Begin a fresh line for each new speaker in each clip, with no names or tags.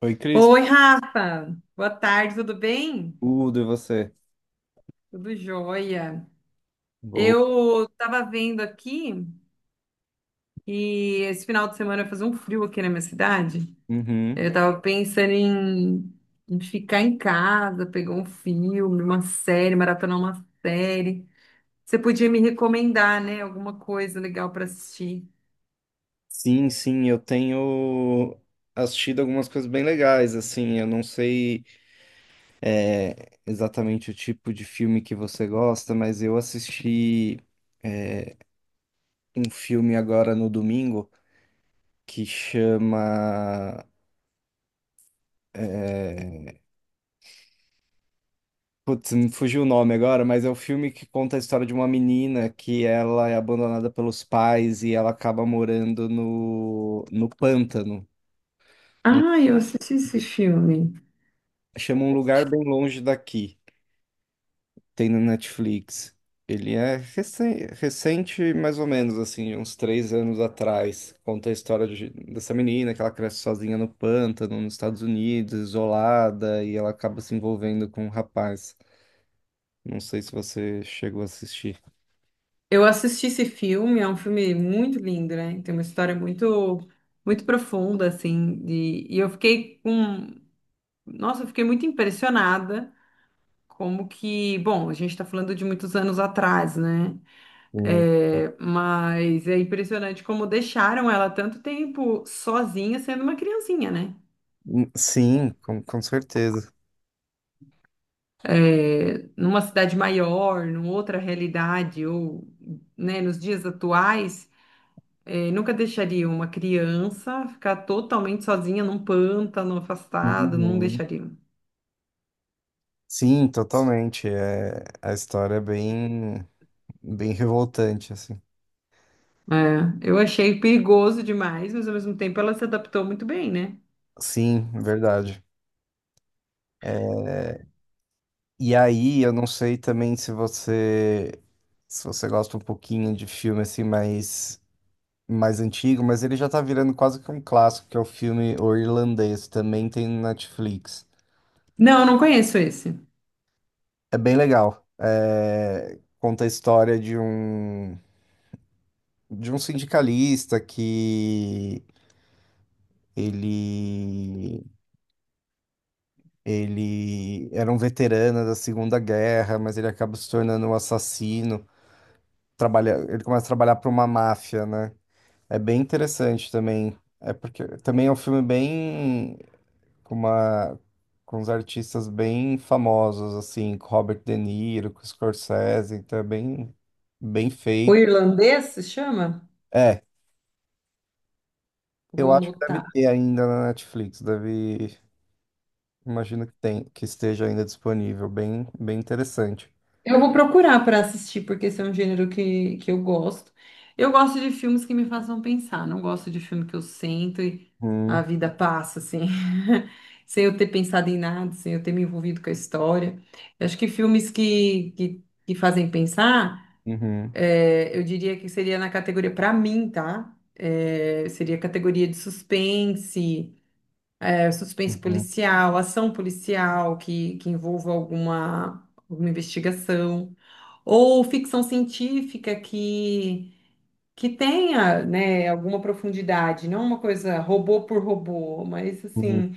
Oi, Cris.
Oi, Rafa. Boa tarde, tudo bem?
Tudo, e você?
Tudo jóia.
Boa.
Eu tava vendo aqui e esse final de semana vai fazer um frio aqui na minha cidade.
Uhum.
Eu tava pensando em, ficar em casa, pegar um filme, uma série, maratonar uma série. Você podia me recomendar, né? Alguma coisa legal para assistir.
Sim, sim, eu tenho assistido algumas coisas bem legais, assim, eu não sei exatamente o tipo de filme que você gosta, mas eu assisti é, um filme agora no domingo que chama... é, Putz, me fugiu o nome agora, mas é o filme que conta a história de uma menina que ela é abandonada pelos pais e ela acaba morando no pântano.
Ah, eu assisti esse filme.
Chama Um Lugar Bem Longe Daqui. Tem no Netflix. Ele é recente, mais ou menos, assim, uns três anos atrás. Conta a história dessa menina que ela cresce sozinha no pântano, nos Estados Unidos, isolada, e ela acaba se envolvendo com um rapaz. Não sei se você chegou a assistir.
Eu assisti esse filme, é um filme muito lindo, né? Tem uma história muito, muito profunda, assim, de- e eu fiquei com, nossa, eu fiquei muito impressionada como que, bom, a gente está falando de muitos anos atrás, né?
Sim.
É, mas é impressionante como deixaram ela tanto tempo sozinha, sendo uma criancinha, né?
Sim, com certeza.
É, numa cidade maior, numa outra realidade, ou, né, nos dias atuais. É, nunca deixaria uma criança ficar totalmente sozinha num pântano, afastada, não
Uhum.
deixaria.
Sim, totalmente. É, a história é bem, bem revoltante, assim.
É, eu achei perigoso demais, mas ao mesmo tempo ela se adaptou muito bem, né?
Sim, verdade. E aí, eu não sei também se você gosta um pouquinho de filme assim mais antigo, mas ele já tá virando quase que um clássico, que é o filme O Irlandês, também tem no Netflix.
Não, eu não conheço esse.
É bem legal. É, conta a história de um sindicalista que ele ele era um veterano da Segunda Guerra, mas ele acaba se tornando um assassino. Trabalha, ele começa a trabalhar para uma máfia, né? É bem interessante também. É porque também é um filme bem com uma com uns artistas bem famosos assim, com Robert De Niro, com Scorsese, então é bem
O
feito.
irlandês se chama?
É,
Vou
eu acho que deve
anotar.
ter ainda na Netflix, deve, imagino que tem, que esteja ainda disponível, bem interessante.
Eu vou procurar para assistir, porque esse é um gênero que eu gosto. Eu gosto de filmes que me façam pensar, não gosto de filme que eu sento e a
Hum.
vida passa, assim, sem eu ter pensado em nada, sem eu ter me envolvido com a história. Eu acho que filmes que fazem pensar,
Uhum.
é, eu diria que seria na categoria, para mim, tá? É, seria categoria de suspense, é, suspense
Uhum.
policial, ação policial que envolva alguma, alguma investigação, ou ficção científica que tenha, né, alguma profundidade, não uma coisa robô por robô, mas
Uhum.
assim,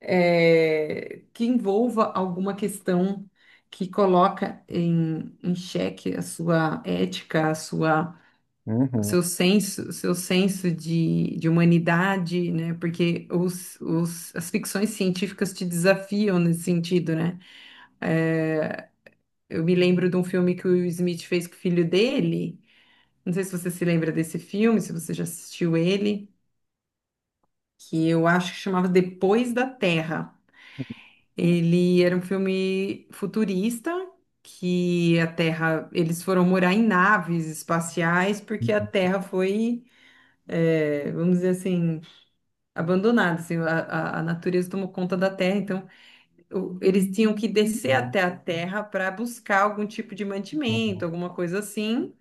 é, que envolva alguma questão que coloca em, xeque a sua ética, a sua
Uhum. Uhum.
o seu senso de humanidade, né? Porque as ficções científicas te desafiam nesse sentido, né? É, eu me lembro de um filme que o Will Smith fez com o filho dele. Não sei se você se lembra desse filme, se você já assistiu ele, que eu acho que chamava Depois da Terra. Ele era um filme futurista. Que a Terra, eles foram morar em naves espaciais porque a
Uhum.
Terra foi é, vamos dizer assim, abandonado, assim, a natureza tomou conta da terra, então o- eles tinham que descer até a terra para buscar algum tipo de mantimento,
Uhum.
alguma coisa assim,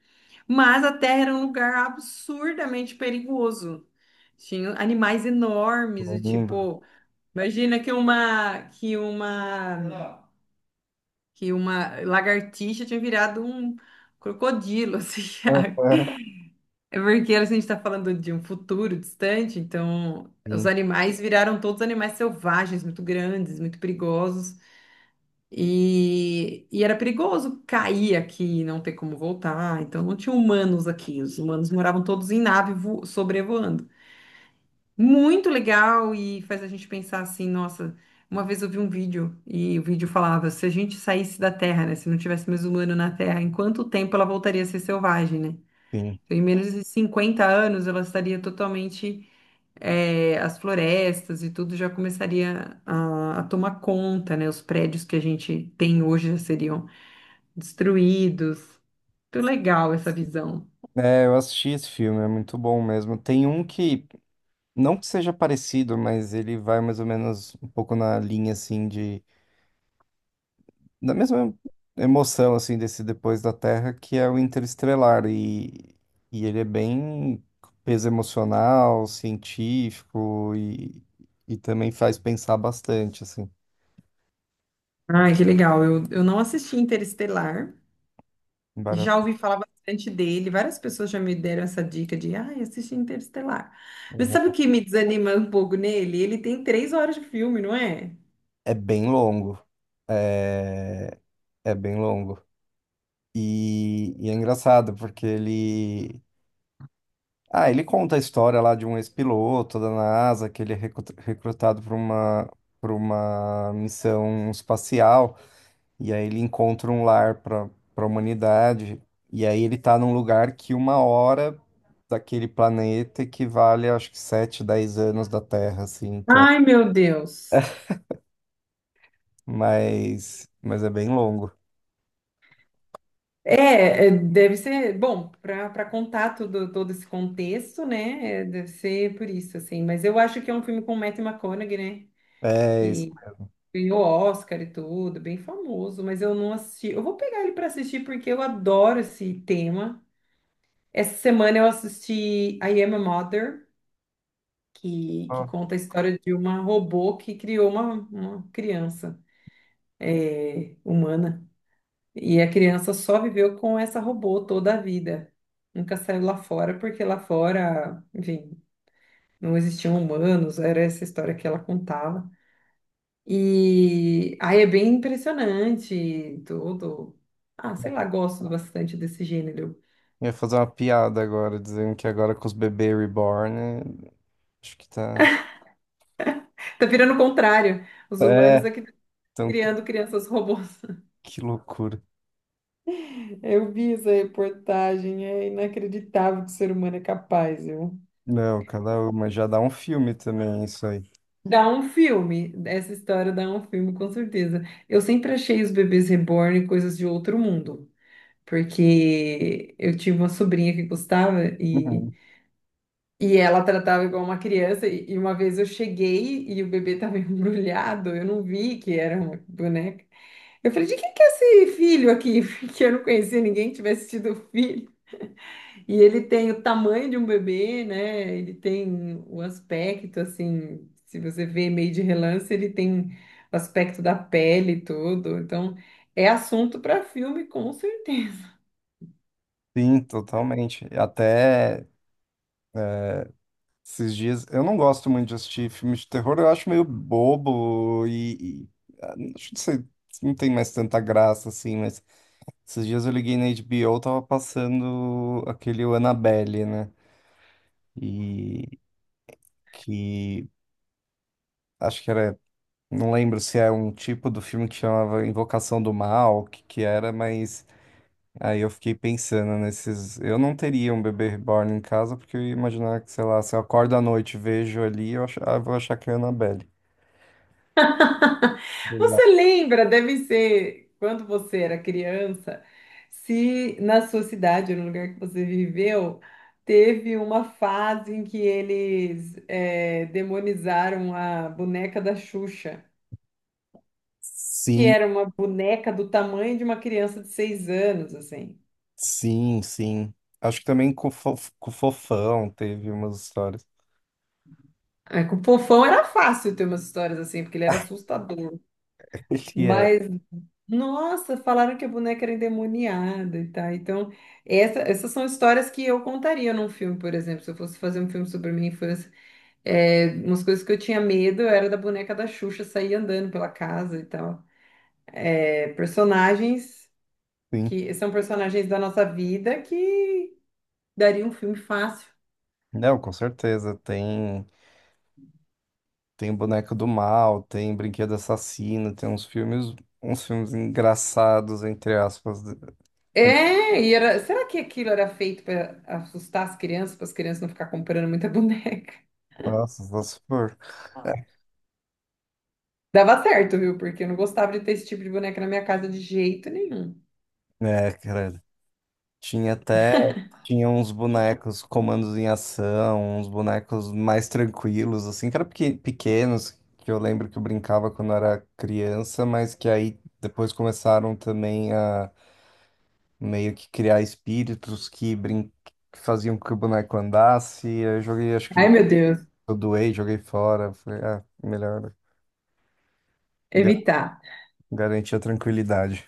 mas a terra era um lugar absurdamente perigoso. Tinha animais enormes,
Eu
e
lembro.
tipo, imagina que uma lagartixa tinha virado um crocodilo, assim.
Aham.
É porque a gente está falando de um futuro distante, então os
Sim,
animais viraram todos animais selvagens, muito grandes, muito perigosos. E era perigoso cair aqui e não ter como voltar. Então não tinha humanos aqui. Os humanos moravam todos em nave vo- sobrevoando. Muito legal e faz a gente pensar assim, nossa, uma vez eu vi um vídeo e o vídeo falava, se a gente saísse da Terra, né, se não tivesse mais humano na Terra, em quanto tempo ela voltaria a ser selvagem, né?
sim.
Então, em menos de 50 anos, ela estaria totalmente, as florestas e tudo já começaria a tomar conta, né? Os prédios que a gente tem hoje já seriam destruídos. Muito legal essa visão.
É, eu assisti esse filme, é muito bom mesmo. Tem um que, não que seja parecido, mas ele vai mais ou menos um pouco na linha, assim, de... Da mesma emoção, assim, desse Depois da Terra, que é o Interestelar. E ele é bem peso emocional, científico e também faz pensar bastante, assim.
Ai, que legal. Eu não assisti Interestelar,
Vale a-
já ouvi falar bastante dele. Várias pessoas já me deram essa dica de, ai, assisti Interestelar. Mas sabe o que me desanima um pouco nele? Ele tem 3 horas de filme, não é?
É bem longo. É, é bem longo. E é engraçado, porque ele... Ah, ele conta a história lá de um ex-piloto da NASA, que ele é recrutado para uma missão espacial, e aí ele encontra um lar para a humanidade, e aí ele tá num lugar que uma hora daquele planeta equivale, acho que 7 10 anos da Terra, assim, então,
Ai, meu Deus.
mas é bem longo.
É, deve ser, bom, para contar todo esse contexto, né? É, deve ser por isso, assim. Mas eu acho que é um filme com Matthew McConaughey, né?
É, isso.
Que ganhou Oscar e tudo, bem famoso, mas eu não assisti. Eu vou pegar ele para assistir porque eu adoro esse tema. Essa semana eu assisti I Am a Mother, que
Ó,
conta a história de uma robô que criou uma criança é, humana. E a criança só viveu com essa robô toda a vida. Nunca saiu lá fora, porque lá fora, enfim, não existiam humanos, era essa história que ela contava. E aí é bem impressionante tudo. Ah, sei lá, gosto bastante desse gênero.
ia fazer uma piada agora, dizendo que agora com os bebês reborn, eh, acho que tá...
Tá virando o contrário. Os humanos
É,
aqui tá
então.
criando crianças robôs.
Que loucura.
Eu vi essa reportagem, é inacreditável que o ser humano é capaz, viu?
Não, cada uma já dá um filme também, isso aí.
Dá um filme, essa história dá um filme, com certeza. Eu sempre achei os bebês reborn coisas de outro mundo, porque eu tive uma sobrinha que gostava
Uhum.
e ela tratava igual uma criança. E uma vez eu cheguei e o bebê estava embrulhado, eu não vi que era uma boneca. Eu falei, de quem que é esse filho aqui? Porque eu não conhecia ninguém que tivesse tido filho. E ele tem o tamanho de um bebê, né? Ele tem o aspecto, assim, se você vê meio de relance, ele tem o aspecto da pele e tudo. Então, é assunto para filme, com certeza.
Sim, totalmente. Até esses dias, eu não gosto muito de assistir filmes de terror, eu acho meio bobo e ah, não sei, não tem mais tanta graça assim, mas esses dias eu liguei na HBO, tava passando aquele o Annabelle, né? E que acho que era, não lembro se é um tipo do filme que chamava Invocação do Mal, o que que era, mas aí eu fiquei pensando nesses. Eu não teria um bebê reborn em casa, porque eu ia imaginar que, sei lá, se eu acordo à noite e vejo ali, ah, eu vou achar que é a Annabelle.
Você
Exato.
lembra, deve ser, quando você era criança, se na sua cidade, no lugar que você viveu, teve uma fase em que eles demonizaram a boneca da Xuxa. Que
Sim,
era uma boneca do tamanho de uma criança de 6 anos, assim.
sim, sim. Acho que também com o Fofão teve umas histórias.
Aí, com o Fofão era fácil ter umas histórias assim, porque ele era assustador.
Ele é,
Mas, nossa, falaram que a boneca era endemoniada e tal. Então, essa- essas são histórias que eu contaria num filme, por exemplo. Se eu fosse fazer um filme sobre a minha infância, é, umas coisas que eu tinha medo era da boneca da Xuxa sair andando pela casa e tal. É, personagens
sim.
que são personagens da nossa vida que daria um filme fácil.
Não, com certeza. Tem Boneco do Mal, tem Brinquedo Assassino, tem uns filmes engraçados, entre aspas, de- com
É, e era, será que aquilo era feito para assustar as crianças, para as crianças não ficar comprando muita boneca?
nossa, se for.
Dava certo, viu? Porque eu não gostava de ter esse tipo de boneca na minha casa de jeito nenhum.
É, cara, tinha até, tinha uns bonecos comandos em ação, uns bonecos mais tranquilos, assim, que eram pequenos, que eu lembro que eu brincava quando era criança, mas que aí depois começaram também a meio que criar espíritos que faziam com que o boneco andasse. Aí eu joguei, acho que
Ai, meu Deus,
eu doei, joguei fora. Falei, ah, melhor ga-
evitar.
garantir a tranquilidade.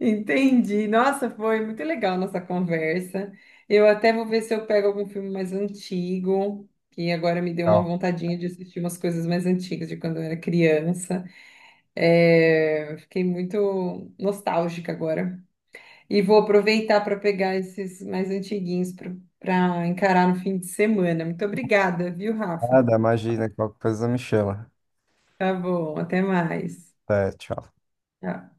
Entendi. Nossa, foi muito legal nossa conversa. Eu até vou ver se eu pego algum filme mais antigo, que agora me deu uma
Tchau.
vontadinha de assistir umas coisas mais antigas de quando eu era criança. É, fiquei muito nostálgica agora. E vou aproveitar para pegar esses mais antiguinhos para encarar no fim de semana. Muito obrigada, viu, Rafa?
Nada, imagina, qualquer coisa me chama.
Tá bom, até mais.
Até, tchau.
Tchau.